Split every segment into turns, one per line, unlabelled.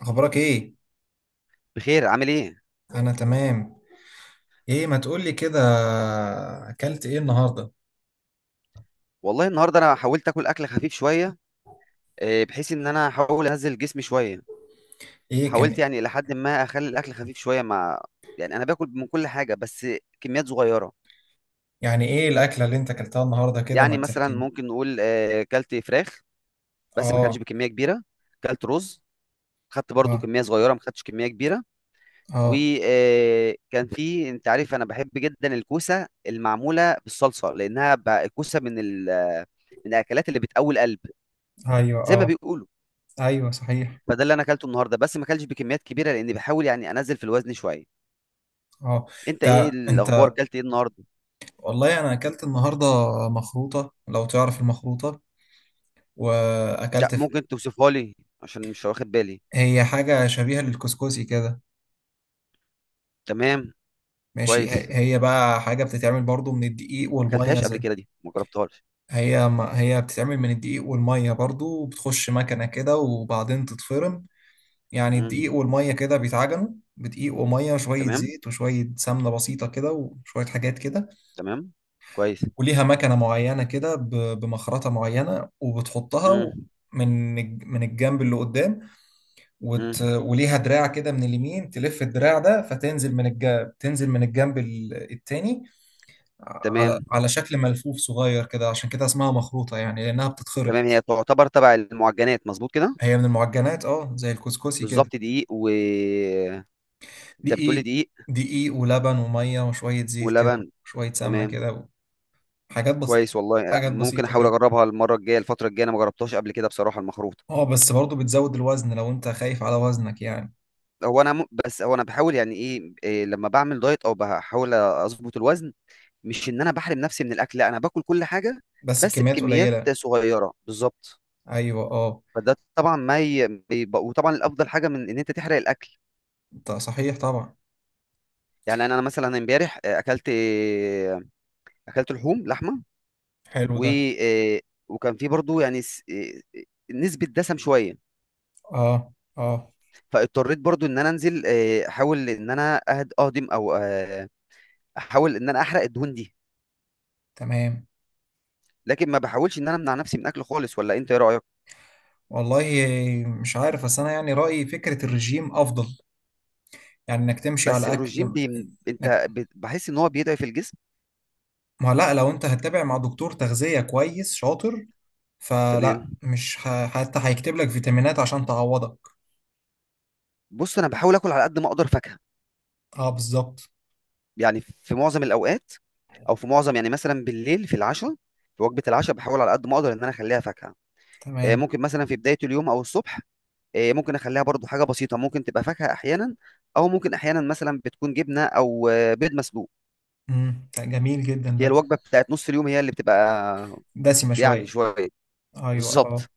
اخبارك ايه؟
بخير، عامل ايه؟
انا تمام. ايه ما تقولي كده؟ اكلت ايه النهارده؟
والله النهارده انا حاولت اكل اكل خفيف شويه، بحيث ان انا احاول انزل جسمي شويه.
ايه
حاولت
كان؟
يعني الى حد ما اخلي الاكل خفيف شويه، مع يعني انا باكل من كل حاجه بس كميات صغيره.
يعني ايه الاكله اللي انت اكلتها النهارده كده ما
يعني مثلا
تحكيني؟
ممكن نقول كلت فراخ بس ما كلتش
اه.
بكميه كبيره. كلت رز، خدت برضو
اه.
كميه صغيره، ما خدتش كميه كبيره.
اه.
وكان في، انت عارف انا بحب جدا الكوسه المعموله بالصلصه، لانها الكوسه من ال من الاكلات اللي بتقوي القلب،
ايوه،
زي ما
اه.
بيقولوا.
ايوه صحيح.
فده اللي انا اكلته النهارده بس ما اكلتش بكميات كبيره لاني بحاول يعني انزل في الوزن شويه.
اه.
انت
انت
ايه الاخبار،
انت
اكلت ايه النهارده؟
والله انا اكلت النهارده مخروطه، لو تعرف المخروطه.
لا،
واكلت في...
ممكن توصفها لي عشان مش واخد بالي.
هي حاجه شبيهه للكسكسي كده.
تمام.
ماشي،
كويس، ما
هي بقى حاجه بتتعمل برضو من الدقيق والميه،
اكلتهاش قبل
زي
كده، دي ما جربتهاش.
هي. ما هي بتتعمل من الدقيق والمية برضو، وبتخش مكنة كده وبعدين تتفرم. يعني
امم.
الدقيق والمية كده بيتعجنوا بدقيق ومية شوية
تمام.
زيت وشوية سمنة بسيطة كده وشوية حاجات كده.
تمام. كويس.
وليها مكنة معينة كده، بمخرطة معينة وبتحطها
امم.
من من الجنب اللي قدام.
امم.
وليها دراع كده من اليمين، تلف الدراع ده فتنزل من الجنب، تنزل من الجنب التاني، على
تمام.
على شكل ملفوف صغير كده. عشان كده اسمها مخروطة، يعني لأنها
تمام، هي
بتتخرط.
تعتبر تبع المعجنات، مظبوط كده؟
هي من المعجنات، اه، زي الكسكسي كده.
بالظبط، دقيق و... انت بتقولي
دقيق.
دقيق
دقيق ولبن وميه وشويه زيت كده
ولبن؟
وشويه سمنه
تمام.
كده وحاجات بس.
كويس، والله
حاجات
ممكن
بسيطه
احاول
كده.
اجربها المره الجايه، الفتره الجايه، انا ما جربتهاش قبل كده بصراحه المخروط.
اه بس برضه بتزود الوزن لو انت خايف على وزنك يعني.
هو انا بس هو انا بحاول، يعني إيه لما بعمل دايت او بحاول اظبط الوزن، مش ان انا بحرم نفسي من الاكل، لا انا باكل كل حاجه
بس
بس
بكميات
بكميات
قليله.
صغيره بالظبط.
ايوه، اه.
فده طبعا ما ي... بيب- وطبعا الافضل حاجه من ان انت تحرق الاكل.
انت صحيح طبعا.
يعني انا مثلا امبارح اكلت اكلت لحوم، لحمه.
حلو
و
ده.
آه، وكان في برضو يعني نسبة دسم شوية.
اه. اه.
فاضطريت برضو ان انا انزل، احاول ان انا اهضم، او احاول ان انا احرق الدهون دي.
تمام.
لكن ما بحاولش ان انا امنع نفسي من اكل خالص، ولا انت ايه رايك؟
والله مش عارف، بس انا يعني رايي فكره الرجيم افضل. يعني انك تمشي
بس
على
الرجيم
اكل. انك
انت بحس ان هو بيضعف الجسم.
ما لا، لو انت هتتابع مع دكتور تغذية كويس شاطر، فلا،
تمام.
مش ه... حتى هيكتب لك فيتامينات عشان تعوضك.
بص، انا بحاول اكل على قد ما اقدر فاكهه،
اه بالظبط.
يعني في معظم الاوقات، او في معظم يعني مثلا بالليل في العشاء، في وجبه العشاء بحاول على قد ما اقدر ان انا اخليها فاكهه.
تمام.
ممكن مثلا في بدايه اليوم او الصبح، ممكن اخليها برضو حاجه بسيطه، ممكن تبقى فاكهه احيانا، او ممكن احيانا مثلا بتكون جبنه، او بيض مسلوق.
جميل جدا
هي
ده.
الوجبه بتاعت نص اليوم هي اللي بتبقى
دسمة
يعني
شوية.
شويه
ايوه،
بالظبط.
اه.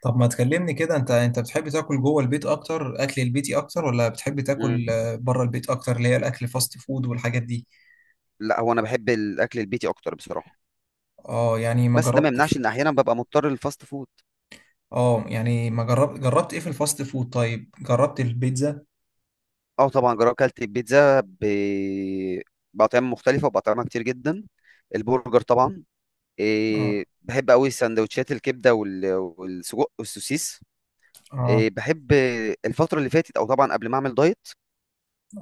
طب ما تكلمني كده، انت بتحب تاكل جوه البيت اكتر، اكل البيتي اكتر، ولا بتحب
مم.
تاكل بره البيت اكتر، اللي هي الاكل فاست فود والحاجات دي؟
لا، هو انا بحب الاكل البيتي اكتر بصراحه،
اه، يعني ما
بس ده ما
جربتش.
يمنعش ان احيانا ببقى مضطر للفاست فود.
اه يعني ما جربت، جربت ايه في الفاست فود؟ طيب جربت البيتزا؟
اه طبعا جربت، اكلت البيتزا باطعمه مختلفه، وباطعمه كتير جدا. البرجر طبعا.
اه.
إيه بحب قوي سندوتشات الكبده والسجق والسوسيس.
اه.
إيه بحب. الفتره اللي فاتت، او طبعا قبل ما اعمل دايت،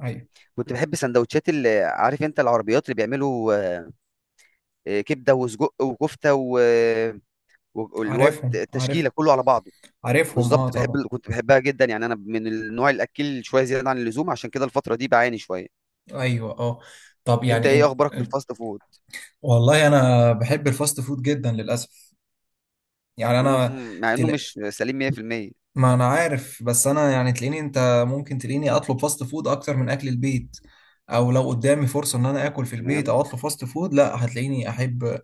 ايوه
كنت بحب سندوتشات اللي عارف انت العربيات اللي بيعملوا كبده وسجق وكفته واللي هو
عارفهم، عارف.
التشكيله كله على بعضه.
عارفهم اه
بالضبط، باحب
طبعا.
كنت باحبها جدًا، يعني أنا من النوع الأكّيل شوية زيادة عن اللزوم، عشان كده الفترة دي باعاني شوية.
ايوه اه. طب
أنت
يعني
إيه
انت،
أخبارك في الfast food؟
والله انا بحب الفاست فود جدا للاسف. يعني
إمم،
انا
إمم، مع إنه
تل...
مش سليم 100%.
ما انا عارف، بس انا يعني تلاقيني انت، ممكن تلاقيني اطلب فاست فود اكتر من اكل البيت. او لو قدامي فرصة ان انا اكل في البيت
تمام،
او اطلب فاست فود، لا هتلاقيني احب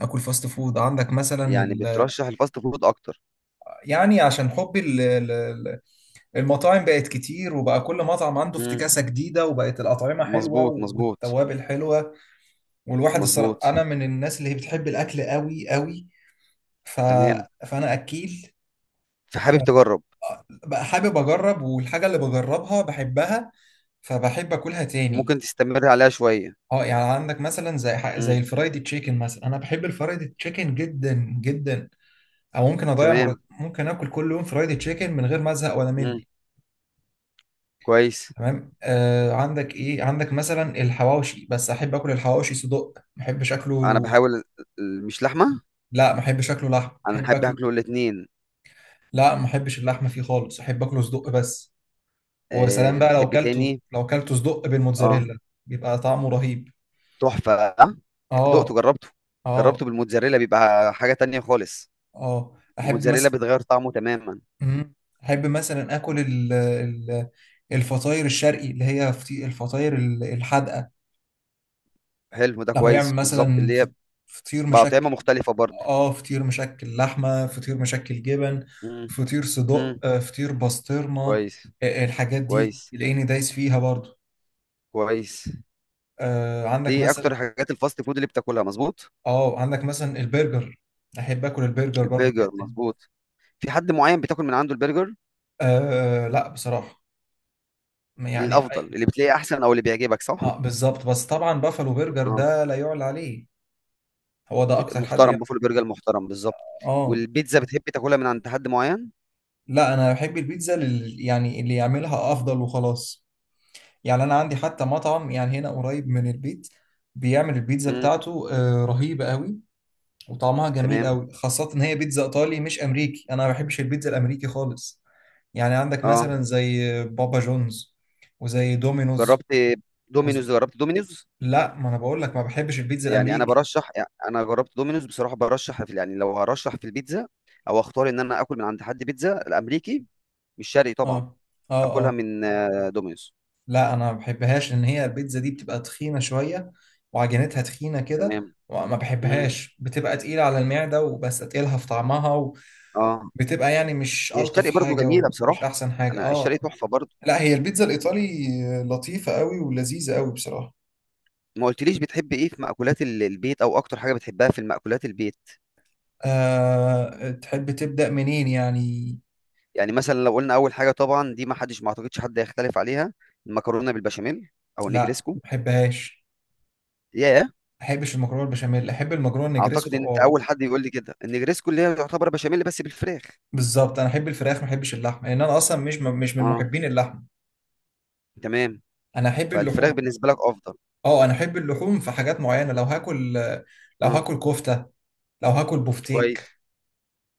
اكل فاست فود. عندك مثلا
يعني بترشّح الfast food أكتر.
يعني عشان حبي المطاعم بقت كتير، وبقى كل مطعم عنده
إمم،
افتكاسة جديدة، وبقت الاطعمة حلوة
مضبوط، مضبوط،
والتوابل حلوة. والواحد الصراحة
مضبوط.
انا من الناس اللي هي بتحب الاكل قوي قوي. ف...
تمام.
فانا اكيل
فحابب تجرّب.
بقى، حابب اجرب، والحاجه اللي بجربها بحبها، فبحب اكلها تاني.
ممكن تستمر عليها شوية.
اه، يعني عندك مثلا زي
إمم،
الفرايدي تشيكن مثلا، انا بحب الفرايدي تشيكن جدا جدا. او
تمام،
ممكن اكل كل يوم فرايدي تشيكن من غير ما ازهق ولا
إمم،
مل.
كويس.
تمام. آه عندك ايه؟ عندك مثلا الحواوشي، بس احب اكل الحواوشي صدق، ما احبش
أنا
اكله
باحاول. مش لحمة؟
لا. ما احبش اكله لحم،
أنا
احب
أحب
اكله.
آكله الاتنين.
لا ما احبش اللحمه فيه خالص، احب اكله صدق بس. وسلام بقى لو
بتحب
كلته،
تاني.
لو كلته صدق
آه.
بالموتزاريلا، بيبقى طعمه رهيب.
تحفة. دقته
اه.
جربته.
اه.
جربته بالموتزاريلا بيبقى حاجة تانية خالص.
اه. احب
الموتزاريلا
مثلا.
بتغير طعمه تماما.
احب مثلا اكل الفطاير الشرقي، اللي هي الفطاير الحادقه.
حلو ده،
لو هيعمل
كويس، بالظبط
مثلا
اللي هي
فطير
بقى طعمة
مشكل.
مختلفة برضه.
اه، فطير مشكل لحمه، فطير مشكل جبن،
مم.
فطير صدق،
مم.
فطير بسطرمه.
كويس.
الحاجات دي
كويس.
تلاقيني دايس فيها برضو.
كويس.
آه عندك
دي
مثلا.
أكتر حاجات الفاست فود اللي بتاكلها، مظبوط؟
اه عندك مثلا البرجر، احب اكل البرجر برضو
البرجر
جدا.
مظبوط. في حد معين بتاكل من عنده البرجر؟
آه لا بصراحه، يعني
الأفضل اللي بتلاقيه أحسن أو اللي بيعجبك، صح؟
اه بالظبط، بس طبعا بافالو برجر
اه.
ده لا يعلى عليه. هو ده اكتر حد
محترم،
يعني.
بوفالو برجر محترم بالظبط.
اه.
والبيتزا بتحب تاكلها من عند حد معين؟
لا انا بحب البيتزا يعني اللي يعملها افضل وخلاص. يعني انا عندي حتى مطعم يعني هنا قريب من البيت، بيعمل البيتزا
مم.
بتاعته آه رهيبة قوي، وطعمها جميل
تمام.
قوي. خاصة ان هي بيتزا ايطالي مش امريكي، انا ما بحبش البيتزا الامريكي خالص. يعني عندك
اه
مثلا زي بابا جونز، وزي دومينوز،
جربت دومينوز،
وزي...
جربت دومينوز.
لا ما انا بقول لك ما بحبش البيتزا
يعني انا
الامريكي.
برشح، يعني انا جربت دومينوز بصراحه، برشح في، يعني لو هرشح في البيتزا او اختار ان انا اكل من عند حد بيتزا الامريكي، مش شرقي طبعا،
اه. اه.
اكلها
اه.
من دومينوز.
لا انا ما بحبهاش لان هي البيتزا دي بتبقى تخينه شويه، وعجينتها تخينه كده
تمام.
وما
مم.
بحبهاش، بتبقى تقيله على المعده، وبس تقيلها في طعمها.
اه،
وبتبقى يعني مش
هي
الطف
الشرقي برضو
حاجه
جميله
ومش
بصراحه،
احسن حاجه،
انا الشرقي
اه.
تحفه برضو.
لا هي البيتزا الايطالي لطيفه قوي ولذيذه قوي بصراحه.
ما قلتليش بتحب ايه في مأكولات البيت، او اكتر حاجه بتحبها في المأكولات البيت؟
أه تحب تبدا منين يعني.
يعني مثلا لو قلنا اول حاجه، طبعا دي ما حدش ما اعتقدش حد هيختلف عليها، المكرونه بالبشاميل، او
لا ما
النجريسكو.
بحبهاش.
ياه.
ما بحبش المكرونه البشاميل، احب المكرونه
اعتقد
النجريسكو
ان انت
اه.
اول حد يقول لي كده، النجريسكو اللي هي يعتبر بشاميل بس بالفراخ.
بالظبط، انا احب الفراخ ما احبش اللحمه، لان انا اصلا مش من
اه
محبين اللحمه.
تمام،
انا احب
فالفراخ
اللحوم.
بالنسبه لك افضل.
اه انا احب اللحوم في حاجات معينه. لو هاكل، لو
اه
هاكل كفته، لو هاكل بفتيك،
كويس،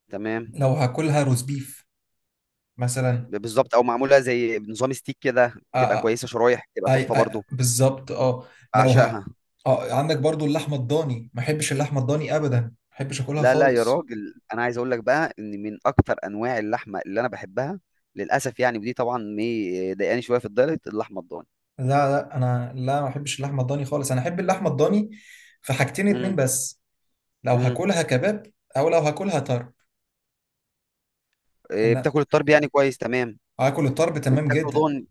تمام.
لو هاكلها روز بيف مثلا.
بالظبط، او معموله زي نظام ستيك كده
آه،
بتبقى
آه،
كويسه، شرايح بتبقى
آي
تحفه
آي
برضو.
بالظبط اه. لو
بعشقها.
ه... اه، عندك برضو اللحمه الضاني، ما احبش اللحمه الضاني ابدا، ما احبش اكلها
لا لا يا
خالص.
راجل، انا عايز اقول لك بقى ان من اكتر انواع اللحمه اللي انا بحبها، للاسف يعني، ودي طبعا ايه ضايقاني شويه في الدايت، اللحمه الضاني.
لا لا انا لا، ما احبش اللحمه الضاني خالص، انا احب اللحمه الضاني في حاجتين اتنين
امم.
بس. لو
امم.
هاكلها كباب، او لو هاكلها طرب.
إيه،
ان
بتاكل الطرب؟ يعني كويس، تمام.
هاكل الطرب تمام
وبتاكله
جدا،
ضاني.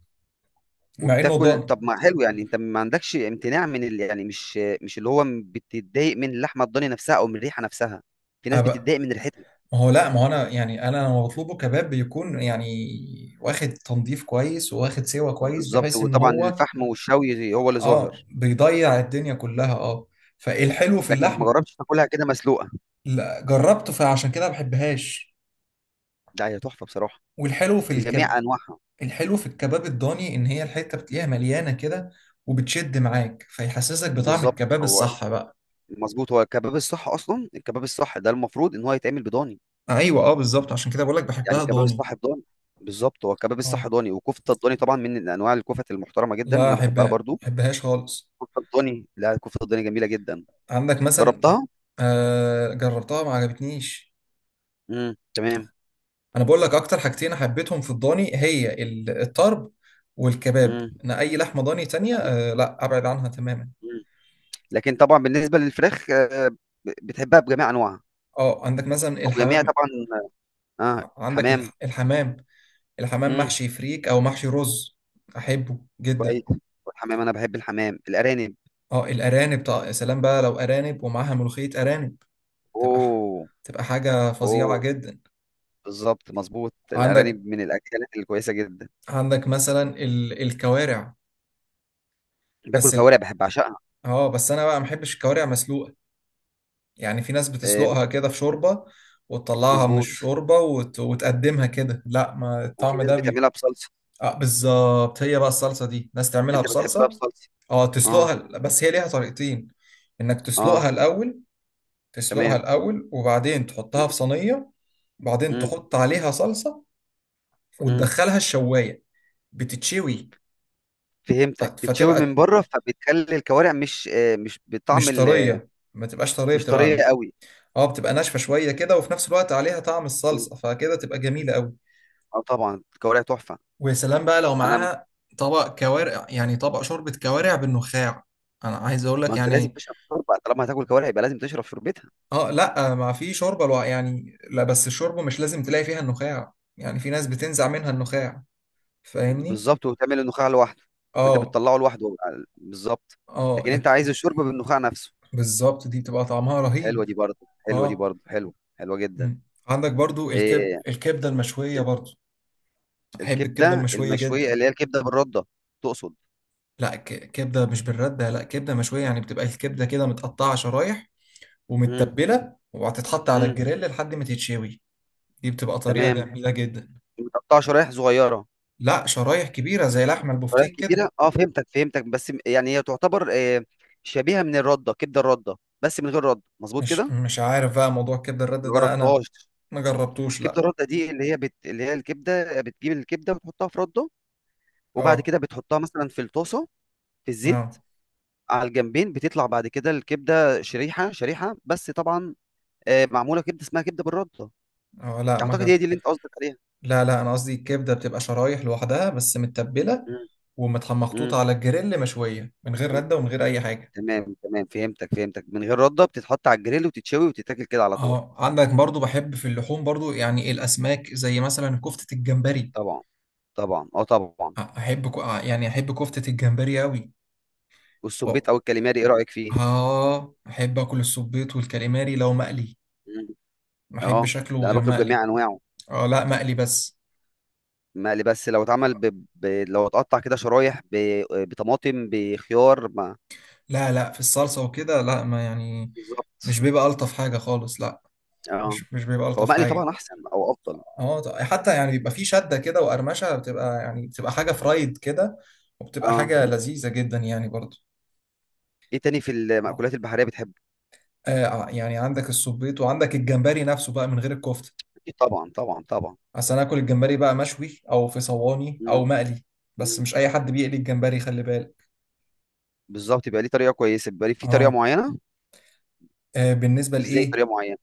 مع انه
وبتاكل،
ضاني.
طب ما حلو، يعني انت ما عندكش امتناع من يعني مش اللي هو بتتضايق من اللحمه الضاني نفسها او من الريحه نفسها؟ في ناس بتتضايق من ريحتها.
ما هو لا، ما هو انا يعني انا لما بطلبه كباب بيكون يعني واخد تنظيف كويس وواخد سوا كويس،
بالظبط،
بحيث ان
وطبعا
هو
الفحم والشوي هو اللي
اه
ظاهر.
بيضيع الدنيا كلها اه. فالحلو في
لكن ما
اللحم.
جربتش تاكلها كده مسلوقه؟
لا جربته، فعشان كده ما بحبهاش.
لا هي تحفه بصراحه،
والحلو في الكب
بجميع انواعها.
الحلو في الكباب الضاني، ان هي الحته بتلاقيها مليانه كده وبتشد معاك، فيحسسك بطعم
بالظبط،
الكباب
هو
الصح بقى.
مظبوط. هو الكباب الصح اصلا، الكباب الصح ده المفروض ان هو يتعمل بضاني.
ايوه اه بالظبط، عشان كده بقول لك
يعني
بحبها
الكباب
ضاني.
الصح بضاني. بالظبط، هو الكباب
اه
الصح ضاني، وكفته الضاني طبعا من انواع الكفت المحترمه جدا،
لا
انا
احبها،
بحبها
ما
برضو.
احبهاش خالص.
كفته الضاني، لا كفته الضاني جميله جدا.
عندك مثلا.
جربتها.
آه جربتها ما عجبتنيش.
امم، تمام.
انا بقول لك اكتر حاجتين حبيتهم في الضاني، هي الطرب والكباب.
امم.
انا اي لحمه ضاني تانية لا ابعد عنها تماما.
مم. لكن طبعا بالنسبه للفراخ، بتحبها بجميع انواعها،
اه عندك مثلا
وبجميع
الحمام.
طبعا. اه
عندك
الحمام.
الحمام. الحمام
امم.
محشي فريك او محشي رز احبه جدا.
كويس. والحمام، انا بحب الحمام الارانب.
اه الارانب طبعا. يا سلام بقى لو ارانب، ومعاها ملوخيه، ارانب تبقى ح-
اوه.
تبقى حاجه فظيعه
اوه.
جدا.
بالظبط، مظبوط،
عندك.
الارانب من الاكلات الكويسه جدا.
عندك مثلا الكوارع.
باكل
بس ال...
كوارع، بحب، اعشقها.
اه بس انا بقى ما بحبش الكوارع مسلوقه. يعني في ناس
آه بت-
بتسلقها كده في شوربة وتطلعها من
مظبوط.
الشوربة، وتقدمها كده، لا ما
وفي
الطعم
ناس
ده
بتعملها بصلصه.
آه بالظبط. هي بقى الصلصة دي، ناس تعملها
انت بتحبها
بصلصة.
بصلصه؟
اه،
اه.
تسلقها، بس هي ليها طريقتين. انك تسلقها
اه.
الأول. تسلقها
تمام.
الأول وبعدين تحطها
مم.
في صينية، وبعدين
مم.
تحط عليها صلصة
مم.
وتدخلها الشواية، بتتشوي.
فهمتك، تتشوي من
فتبقى
بره فبتخلي الكوارع مش بطعم.
مش طرية، ما تبقاش طرية،
مش طريه
بتبقى
قوي.
اه، بتبقى ناشفة شوية كده، وفي نفس الوقت عليها طعم
مم.
الصلصة، فكده تبقى جميلة قوي.
اه طبعا الكوارع تحفه.
ويا سلام بقى لو
انا م-
معاها طبق كوارع، يعني طبق شوربة كوارع بالنخاع. انا عايز اقول
ما
لك
انت لازم
يعني
تشرب شوربه، طالما هتاكل كوارع يبقى لازم تشرب شوربتها.
اه. لا ما في يعني لا، بس الشوربة مش لازم تلاقي فيها النخاع، يعني في ناس بتنزع منها النخاع. فاهمني.
بالظبط، وتعمل النخاع لوحده. انت
اه.
بتطلعه لوحده بالظبط.
اه
لكن انت
لكن.
عايز الشوربه بالنخاع نفسه.
بالظبط، دي بتبقى طعمها
حلوه
رهيب.
دي برضه، حلوه دي
اه.
برضه حلوه، حلوه جدا.
مم. عندك برضو
إيه
الكبدة المشوية برضو. احب الكبدة
الكبده
المشوية
المشويه؟
جدا.
اللي هي الكبده بالرده. تقصد.
لا كبدة مش بالردة، لا كبدة مشوية. يعني بتبقى الكبدة كده متقطعة شرايح،
امم.
ومتبله، وهتتحط على
امم.
الجريل لحد ما تتشوي. دي بتبقى طريقه
تمام.
جميله جدا.
متقطعه شرايح صغيره؟
لا شرايح كبيره زي لحم
شرايح
البفتيك كده.
كبيره، اه فهمتك، فهمتك. بس يعني هي تعتبر إيه، شبيهه من الرده، كبده الرده بس من غير رده، مظبوط
مش
كده؟
مش عارف بقى موضوع كبد الرد
ما
ده انا،
جربتهاش.
ما جربتوش
كبده
لا.
رده دي اللي هي الكبده، بتجيب الكبده وتحطها في رده، وبعد
اه.
كده بتحطها مثلا في الطاسه، في الزيت،
اه.
على الجنبين، بتطلع بعد كده الكبده شريحه شريحه، بس طبعا معموله كبده اسمها كبده بالرده.
اه. لا ما
اعتقد هي
جرب.
دي اللي انت قصدك عليها.
لا لا، انا قصدي الكبده بتبقى شرايح لوحدها بس متبله،
مم.
ومحطوطه
مم.
على الجريل مشويه، من غير
مم.
رده ومن غير اي حاجه.
تمام، تمام، فهمتك، فهمتك. من غير رده، بتتحط على الجريل وتتشوي وتتاكل كده على طول.
اه، عندك برضو بحب في اللحوم برضو يعني الاسماك، زي مثلا كفته الجمبري.
طبعا، طبعا، اه طبعا.
أ- احب كو- آه، يعني احب كفته الجمبري قوي.
والسبيط او الكاليماري، ايه رايك فيه؟
اه احب اكل السبيط والكاليماري لو مقلي.
مم.
ما
اه،
احبش شكله
ده انا
غير
باكله
مقلي.
بجميع انواعه.
اه لا مقلي بس.
مقلي بس، لو اتعمل لو اتقطع كده شرايح بطماطم بخيار، ما
لا لا في الصلصة وكده لا، ما يعني مش
بالظبط.
بيبقى ألطف حاجة خالص لا.
اه
مش بيبقى
هو
ألطف
مقلي طبعا
حاجة.
احسن او افضل.
اه حتى يعني بيبقى فيه شدة كده وقرمشة، بتبقى يعني بتبقى حاجة فرايد كده، وبتبقى
اه،
حاجة لذيذة جدا يعني برضو.
ايه تاني في المأكولات البحرية بتحبه؟
آه يعني عندك السبيط وعندك الجمبري نفسه بقى من غير الكفتة.
اكيد، طبعا، طبعا، طبعا.
أصل أنا آكل الجمبري بقى مشوي أو في صواني
مم.
أو مقلي. بس
مم.
مش أي حد بيقلي الجمبري، خلي بالك.
بالظبط، يبقى ليه طريقة كويسة، بيبقى ليه في طريقة
اه.
معينة.
بالنسبه
ازاي
لايه.
طريقة معينة؟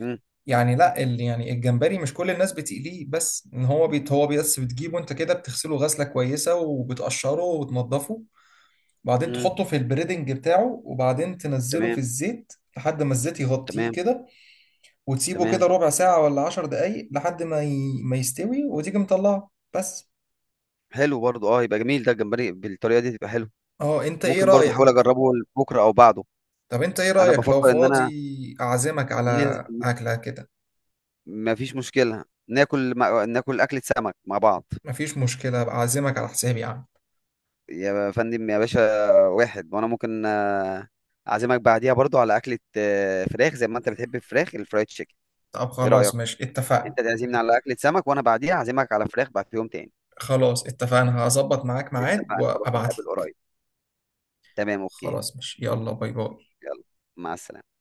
مم.
يعني لا يعني الجمبري مش كل الناس بتقليه، بس ان هو بيت هو بس بتجيبه انت كده، بتغسله غسله كويسه وبتقشره وتنضفه، وبعدين
مم.
تحطه في البريدنج بتاعه، وبعدين تنزله في
تمام،
الزيت لحد ما الزيت يغطيه
تمام،
كده، وتسيبه كده
تمام.
ربع ساعه ولا 10 دقايق لحد ما ما يستوي، وتيجي مطلعه بس.
حلو برضو، اه يبقى جميل ده الجمبري بالطريقة دي، تبقى حلو.
اه انت ايه
ممكن برضو احاول
رايك؟
اجربه بكرة او بعده.
طب انت ايه
انا
رايك لو
بفكر ان انا
فاضي اعزمك على
ننزل.
اكله كده.
ما فيش مشكلة، ناكل أكلة سمك مع بعض.
مفيش مشكله، أبقى اعزمك على حسابي يعني.
يا فندم، يا باشا، واحد، وأنا ممكن أعزمك بعديها برضو على أكلة فراخ، زي ما أنت بتحب الفراخ الفرايد تشيكن.
طب
إيه رأيك؟
خلاص ماشي
أنت
اتفقنا.
تعزمني على أكلة سمك، وأنا بعديها أعزمك على فراخ بعد في يوم تاني.
خلاص اتفقنا، هظبط معاك ميعاد
اتفقنا، خلاص
وابعت
نتقابل
لك.
قريب. تمام، أوكي.
خلاص ماشي، يلا باي باي.
يلا، مع السلامة.